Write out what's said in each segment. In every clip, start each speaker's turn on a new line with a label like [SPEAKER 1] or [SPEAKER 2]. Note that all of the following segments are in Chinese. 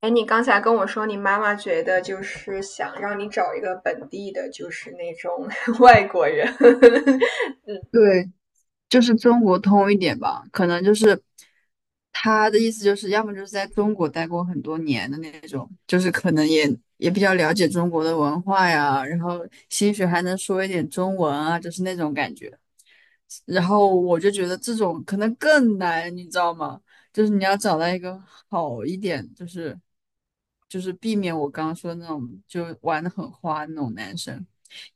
[SPEAKER 1] 哎，你刚才跟我说，你妈妈觉得就是想让你找一个本地的，就是那种 外国人。嗯，
[SPEAKER 2] 对，就是中国通一点吧，可能就是他的意思就是，要么就是在中国待过很多年的那种，就是可能也比较了解中国的文化呀，然后兴许还能说一点中文啊，就是那种感觉。然后我就觉得这种可能更难，你知道吗？就是你要找到一个好一点，就是避免我刚刚说的那种就玩的很花那种男生，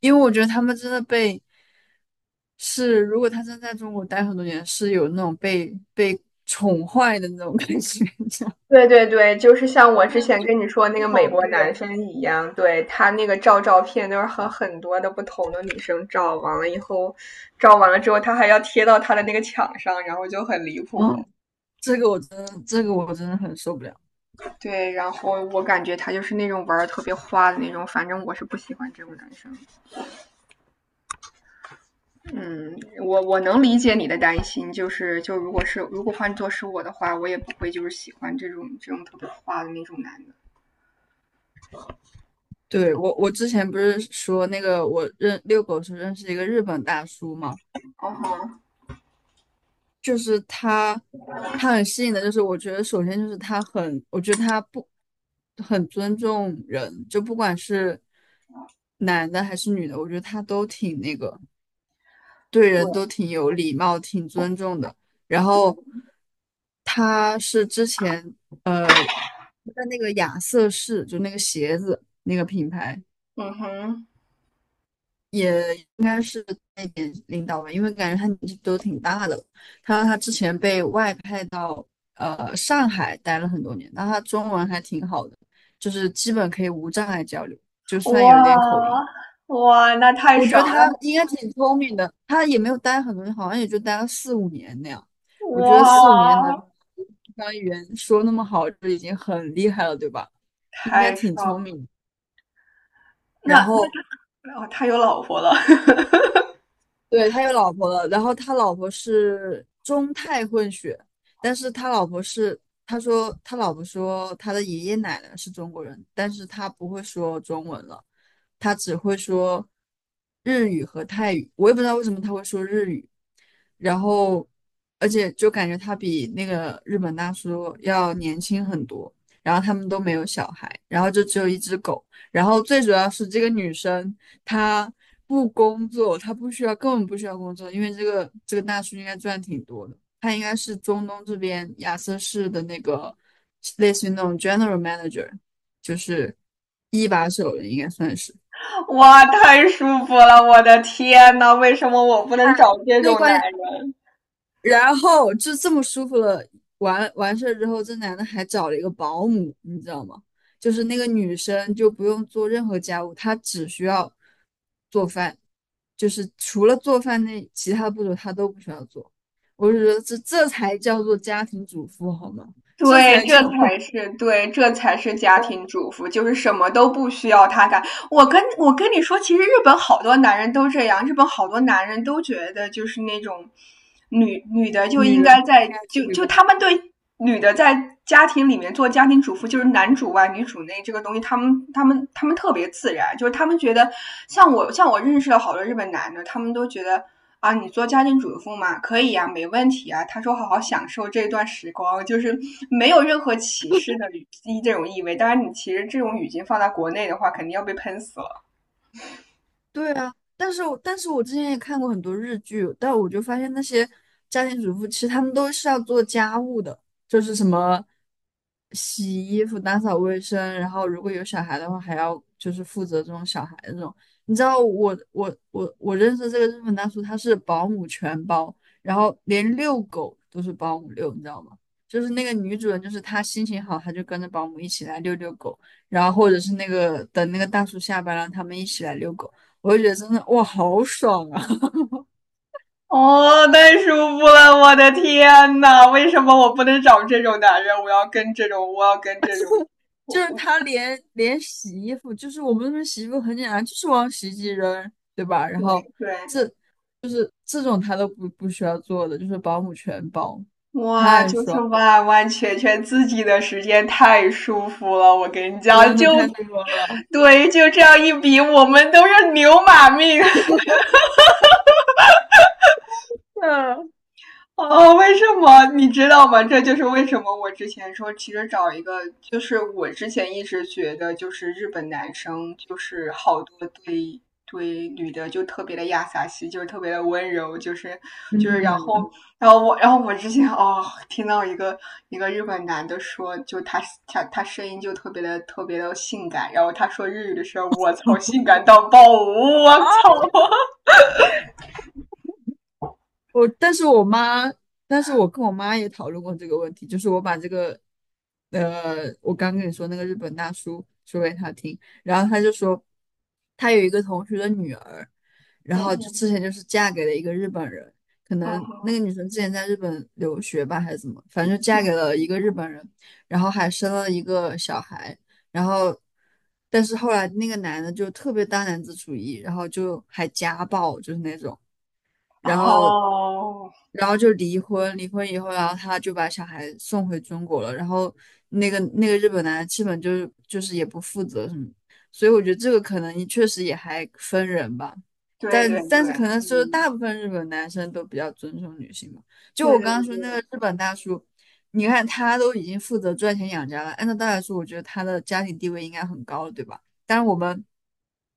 [SPEAKER 2] 因为我觉得他们真的被是，如果他真在中国待很多年，是有那种被宠坏的那种感觉，你知道吗
[SPEAKER 1] 对对对，就是像我之前跟你说那个美
[SPEAKER 2] 暴
[SPEAKER 1] 国男
[SPEAKER 2] 虐
[SPEAKER 1] 生一样，对，他那个照片都是和很多的不同的女生照，完了以后，照完了之后，他还要贴到他的那个墙上，然后就很离谱。
[SPEAKER 2] 啊，这个我真的很受不了。
[SPEAKER 1] 对，然后我感觉他就是那种玩的特别花的那种，反正我是不喜欢这种男生。嗯，我能理解你的担心，就是就如果是如果换做是我的话，我也不会就是喜欢这种特别花的那种男的。
[SPEAKER 2] 对，我之前不是说那个我认遛狗时候认识一个日本大叔嘛，
[SPEAKER 1] 哦吼，
[SPEAKER 2] 就是他，他很吸引的，就是我觉得首先就是他很，我觉得他不很尊重人，就不管是男的还是女的，我觉得他都挺那个，对
[SPEAKER 1] 对，
[SPEAKER 2] 人都挺有礼貌，挺尊重的。然后他是之前在那个亚瑟士，就那个鞋子那个品牌。
[SPEAKER 1] 嗯哼，
[SPEAKER 2] 应该是那点领导吧，因为感觉他年纪都挺大的了。他说他之前被外派到上海待了很多年，那他中文还挺好的，就是基本可以无障碍交流，就算有一点
[SPEAKER 1] 哇
[SPEAKER 2] 口音。
[SPEAKER 1] 哇，那太
[SPEAKER 2] 我觉
[SPEAKER 1] 爽
[SPEAKER 2] 得他
[SPEAKER 1] 了！
[SPEAKER 2] 应该挺聪明的，他也没有待很多年，好像也就待了四五年那样。我觉得四五年能
[SPEAKER 1] 哇，
[SPEAKER 2] 把语言说那么好，就已经很厉害了，对吧？应该
[SPEAKER 1] 太
[SPEAKER 2] 挺
[SPEAKER 1] 爽
[SPEAKER 2] 聪
[SPEAKER 1] 了。
[SPEAKER 2] 明。
[SPEAKER 1] 那
[SPEAKER 2] 然
[SPEAKER 1] 那
[SPEAKER 2] 后
[SPEAKER 1] 他哦，他有老婆了，
[SPEAKER 2] 对，他有老婆了，然后他老婆是中泰混血，但是他老婆是，他说他老婆说他的爷爷奶奶是中国人，但是他不会说中文了，他只会说日语和泰语，我也不知道为什么他会说日语，然后而且就感觉他比那个日本大叔要年轻很多。然后他们都没有小孩，然后就只有一只狗。然后最主要是这个女生她不工作，她不需要，根本不需要工作，因为这个大叔应该赚挺多的。他应该是中东这边亚瑟士的那个类似于那种 general manager,就是一把手了，应该算是。
[SPEAKER 1] 哇，太舒服了！我的天呐，为什么我不能找这
[SPEAKER 2] 最
[SPEAKER 1] 种男。
[SPEAKER 2] 关然后就这么舒服了，完完事儿之后，这男的还找了一个保姆，你知道吗？就是那个女生就不用做任何家务，她只需要做饭，就是除了做饭那其他步骤她都不需要做。我就觉得这才叫做家庭主妇好吗？这
[SPEAKER 1] 对，
[SPEAKER 2] 才
[SPEAKER 1] 这
[SPEAKER 2] 叫
[SPEAKER 1] 才是对，这才是家庭主妇，就是什么都不需要他干。我跟你说，其实日本好多男人都这样，日本好多男人都觉得就是那种女的就
[SPEAKER 2] 女
[SPEAKER 1] 应
[SPEAKER 2] 人
[SPEAKER 1] 该
[SPEAKER 2] 不应
[SPEAKER 1] 在
[SPEAKER 2] 该出
[SPEAKER 1] 就
[SPEAKER 2] 去
[SPEAKER 1] 就
[SPEAKER 2] 工作。
[SPEAKER 1] 他们对女的在家庭里面做家庭主妇，就是男主外女主内这个东西，他们特别自然，就是他们觉得像我认识了好多日本男的，他们都觉得啊，你做家庭主妇嘛，可以呀、没问题啊。他说好好享受这段时光，就是没有任何歧视的语这种意味。当然，你其实这种语境放在国内的话，肯定要被喷死了。
[SPEAKER 2] 对啊，但是我之前也看过很多日剧，但我就发现那些家庭主妇其实他们都是要做家务的，就是什么洗衣服、打扫卫生，然后如果有小孩的话，还要就是负责这种小孩这种。你知道我认识这个日本大叔，他是保姆全包，然后连遛狗都是保姆遛，你知道吗？就是那个女主人，就是她心情好，她就跟着保姆一起来遛狗，然后或者是那个等那个大叔下班了，他们一起来遛狗。我就觉得真的哇，好爽啊！
[SPEAKER 1] 哦，太舒服了，我的天呐，为什么我不能找这种男人？我要跟这种，我要跟这种，我
[SPEAKER 2] 就是
[SPEAKER 1] 我
[SPEAKER 2] 他连洗衣服，就是我们那边洗衣服很简单，就是往洗衣机扔，对吧？然后
[SPEAKER 1] 对对，
[SPEAKER 2] 这这种他都不需要做的，就是保姆全包，
[SPEAKER 1] 哇，
[SPEAKER 2] 太
[SPEAKER 1] 就是
[SPEAKER 2] 爽，
[SPEAKER 1] 完完全全自己的时间，太舒服了。我跟你讲，
[SPEAKER 2] 真
[SPEAKER 1] 就
[SPEAKER 2] 的太爽了。
[SPEAKER 1] 对，就这样一比，我们都是牛马命。
[SPEAKER 2] 嗯。
[SPEAKER 1] 哦，为什么你知道吗？这就是为什么我之前说，其实找一个，就是我之前一直觉得，就是日本男生就是好多对对女的就特别的亚萨西，就是特别的温柔，就是就是然
[SPEAKER 2] 嗯
[SPEAKER 1] 后然后我之前听到一个日本男的说，就他声音就特别的性感，然后他说日语的时候，我操，性感到爆，我操，
[SPEAKER 2] 我，但是我妈，但是我跟我妈也讨论过这个问题，就是我把这个，我刚跟你说那个日本大叔说给他听，然后他就说，他有一个同学的女儿，然
[SPEAKER 1] 嗯
[SPEAKER 2] 后就之前
[SPEAKER 1] 嗯
[SPEAKER 2] 就是嫁给了一个日本人，可
[SPEAKER 1] 嗯
[SPEAKER 2] 能那个
[SPEAKER 1] 哼，
[SPEAKER 2] 女生之前在日本留学吧，还是怎么，反正就嫁给
[SPEAKER 1] 嗯
[SPEAKER 2] 了一个日本人，然后还生了一个小孩，然后，但是后来那个男的就特别大男子主义，然后就还家暴，就是那种。然后，
[SPEAKER 1] 哦。
[SPEAKER 2] 然后就离婚，离婚以后，然后他就把小孩送回中国了，然后那个日本男的基本就是也不负责什么，所以我觉得这个可能确实也还分人吧，
[SPEAKER 1] 对
[SPEAKER 2] 但
[SPEAKER 1] 对对，
[SPEAKER 2] 但是可能就是
[SPEAKER 1] 嗯，
[SPEAKER 2] 大部分日本男生都比较尊重女性吧，就
[SPEAKER 1] 对
[SPEAKER 2] 我
[SPEAKER 1] 对
[SPEAKER 2] 刚刚说那个
[SPEAKER 1] 对，
[SPEAKER 2] 日本大叔。你看，他都已经负责赚钱养家了，按照道理说，我觉得他的家庭地位应该很高了，对吧？但是我们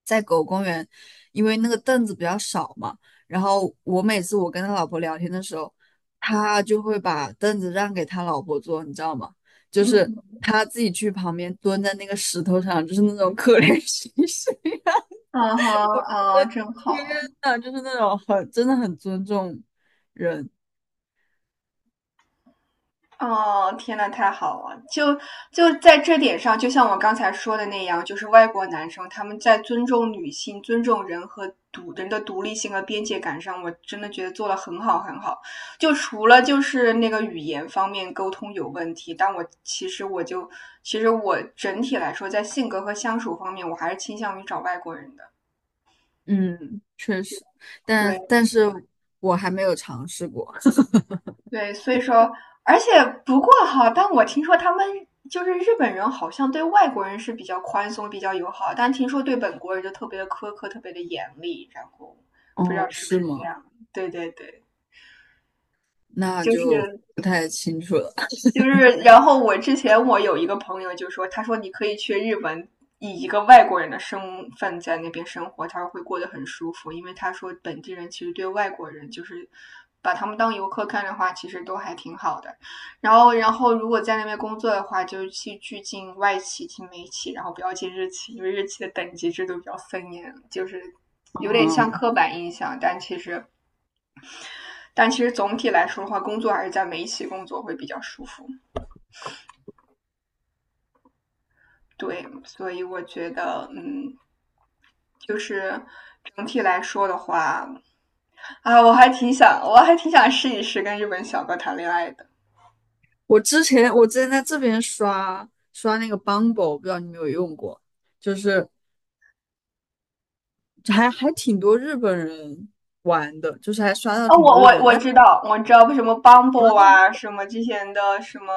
[SPEAKER 2] 在狗公园，因为那个凳子比较少嘛。然后我每次跟他老婆聊天的时候，他就会把凳子让给他老婆坐，你知道吗？就
[SPEAKER 1] 嗯
[SPEAKER 2] 是
[SPEAKER 1] 哼，
[SPEAKER 2] 他自己去旁边蹲在那个石头上，就是那种可怜兮兮。
[SPEAKER 1] 嗯哼，哦，真
[SPEAKER 2] 天
[SPEAKER 1] 好，
[SPEAKER 2] 呐，就是那种很真的很尊重，
[SPEAKER 1] 哦，天呐，太好了！就就在这点上，就像我刚才说的那样，就是外国男生他们在尊重女性、尊重人和独人的独立性和边界感上，我真的觉得做的很好很好。就除了就是那个语言方面沟通有问题，但我其实我整体来说，在性格和相处方面，我还是倾向于找外国人的。
[SPEAKER 2] 嗯，确实，但
[SPEAKER 1] 对。
[SPEAKER 2] 但是我还没有尝试过。
[SPEAKER 1] 对，所以说，而且不过哈，但我听说他们就是日本人，好像对外国人是比较宽松、比较友好，但听说对本国人就特别的苛刻、特别的严厉，然后不知道
[SPEAKER 2] 哦，
[SPEAKER 1] 是不
[SPEAKER 2] 是
[SPEAKER 1] 是这
[SPEAKER 2] 吗？
[SPEAKER 1] 样。对对对，
[SPEAKER 2] 那
[SPEAKER 1] 就
[SPEAKER 2] 就
[SPEAKER 1] 是
[SPEAKER 2] 不太清楚了。
[SPEAKER 1] 就是，然后我之前有一个朋友就说，他说你可以去日本，以一个外国人的身份在那边生活，他说会过得很舒服，因为他说本地人其实对外国人就是把他们当游客看的话，其实都还挺好的。然后，然后如果在那边工作的话，就去进外企、进美企，然后不要进日企，因为日企的等级制度比较森严，就是。有点像
[SPEAKER 2] 嗯，
[SPEAKER 1] 刻板印象，但其实，但其实总体来说的话，工作还是在美企工作会比较舒服。对，所以我觉得，嗯，就是整体来说的话，啊，我还挺想试一试跟日本小哥谈恋爱的。
[SPEAKER 2] 我之前在这边刷那个 Bumble,不知道你有没有用过，就是还挺多日本人玩的，就是还刷到
[SPEAKER 1] 啊，哦
[SPEAKER 2] 挺多
[SPEAKER 1] 我
[SPEAKER 2] 日本
[SPEAKER 1] 我
[SPEAKER 2] 人。
[SPEAKER 1] 我
[SPEAKER 2] 但
[SPEAKER 1] 知道，我知道什么 Bumble 啊，什么之前的什么，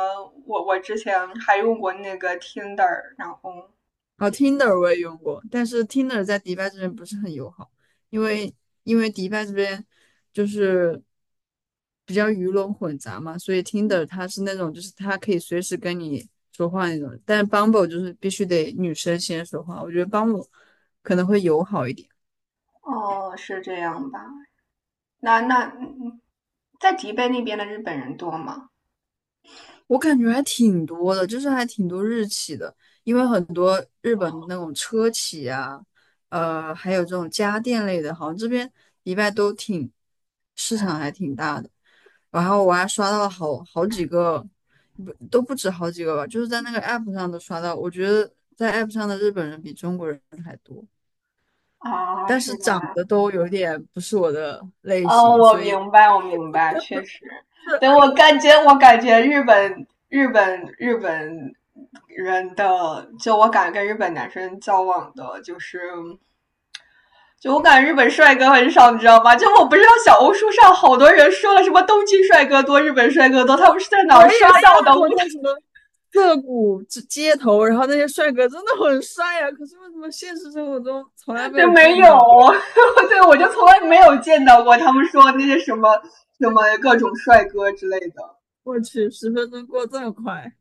[SPEAKER 1] 我之前还用过那个 Tinder，然后
[SPEAKER 2] 哦，Tinder 我也用过，但是 Tinder 在迪拜这边不是很友好，因为因为迪拜这边就是比较鱼龙混杂嘛，所以 Tinder 它是那种就是它可以随时跟你说话那种，但是 Bumble 就是必须得女生先说话，我觉得 Bumble 可能会友好一点。
[SPEAKER 1] 哦，是这样吧？那在迪拜那边的日本人多吗？
[SPEAKER 2] 我感觉还挺多的，就是还挺多日企的，因为很多日本那种车企啊，还有这种家电类的，好像这边迪拜都挺市场还挺大的。然后我还刷到了好几个，不都不止好几个吧，就是在那个 app 上都刷到。我觉得在 app 上的日本人比中国人还多，
[SPEAKER 1] 啊，
[SPEAKER 2] 但是
[SPEAKER 1] 是
[SPEAKER 2] 长
[SPEAKER 1] 吧？
[SPEAKER 2] 得都有点不是我的类
[SPEAKER 1] 哦，
[SPEAKER 2] 型，
[SPEAKER 1] 我
[SPEAKER 2] 所以。
[SPEAKER 1] 明白，我明白，确实。对，我感觉日本人的，就我感觉跟日本男生交往的，就是就我感觉日本帅哥很少，你知道吗？就我不知道小红书上好多人说了什么东京帅哥多、日本帅哥多，他们是在哪儿
[SPEAKER 2] 我也
[SPEAKER 1] 刷
[SPEAKER 2] 刷
[SPEAKER 1] 到的？
[SPEAKER 2] 到
[SPEAKER 1] 我
[SPEAKER 2] 过叫什么涩谷之街头，然后那些帅哥真的很帅呀、可是为什么现实生活中从来没
[SPEAKER 1] 对
[SPEAKER 2] 有
[SPEAKER 1] 没
[SPEAKER 2] 见
[SPEAKER 1] 有，
[SPEAKER 2] 到过？
[SPEAKER 1] 对我就从来没有见到过他们说那些什么各种帅哥之类的。
[SPEAKER 2] 我去，十分钟过这么快。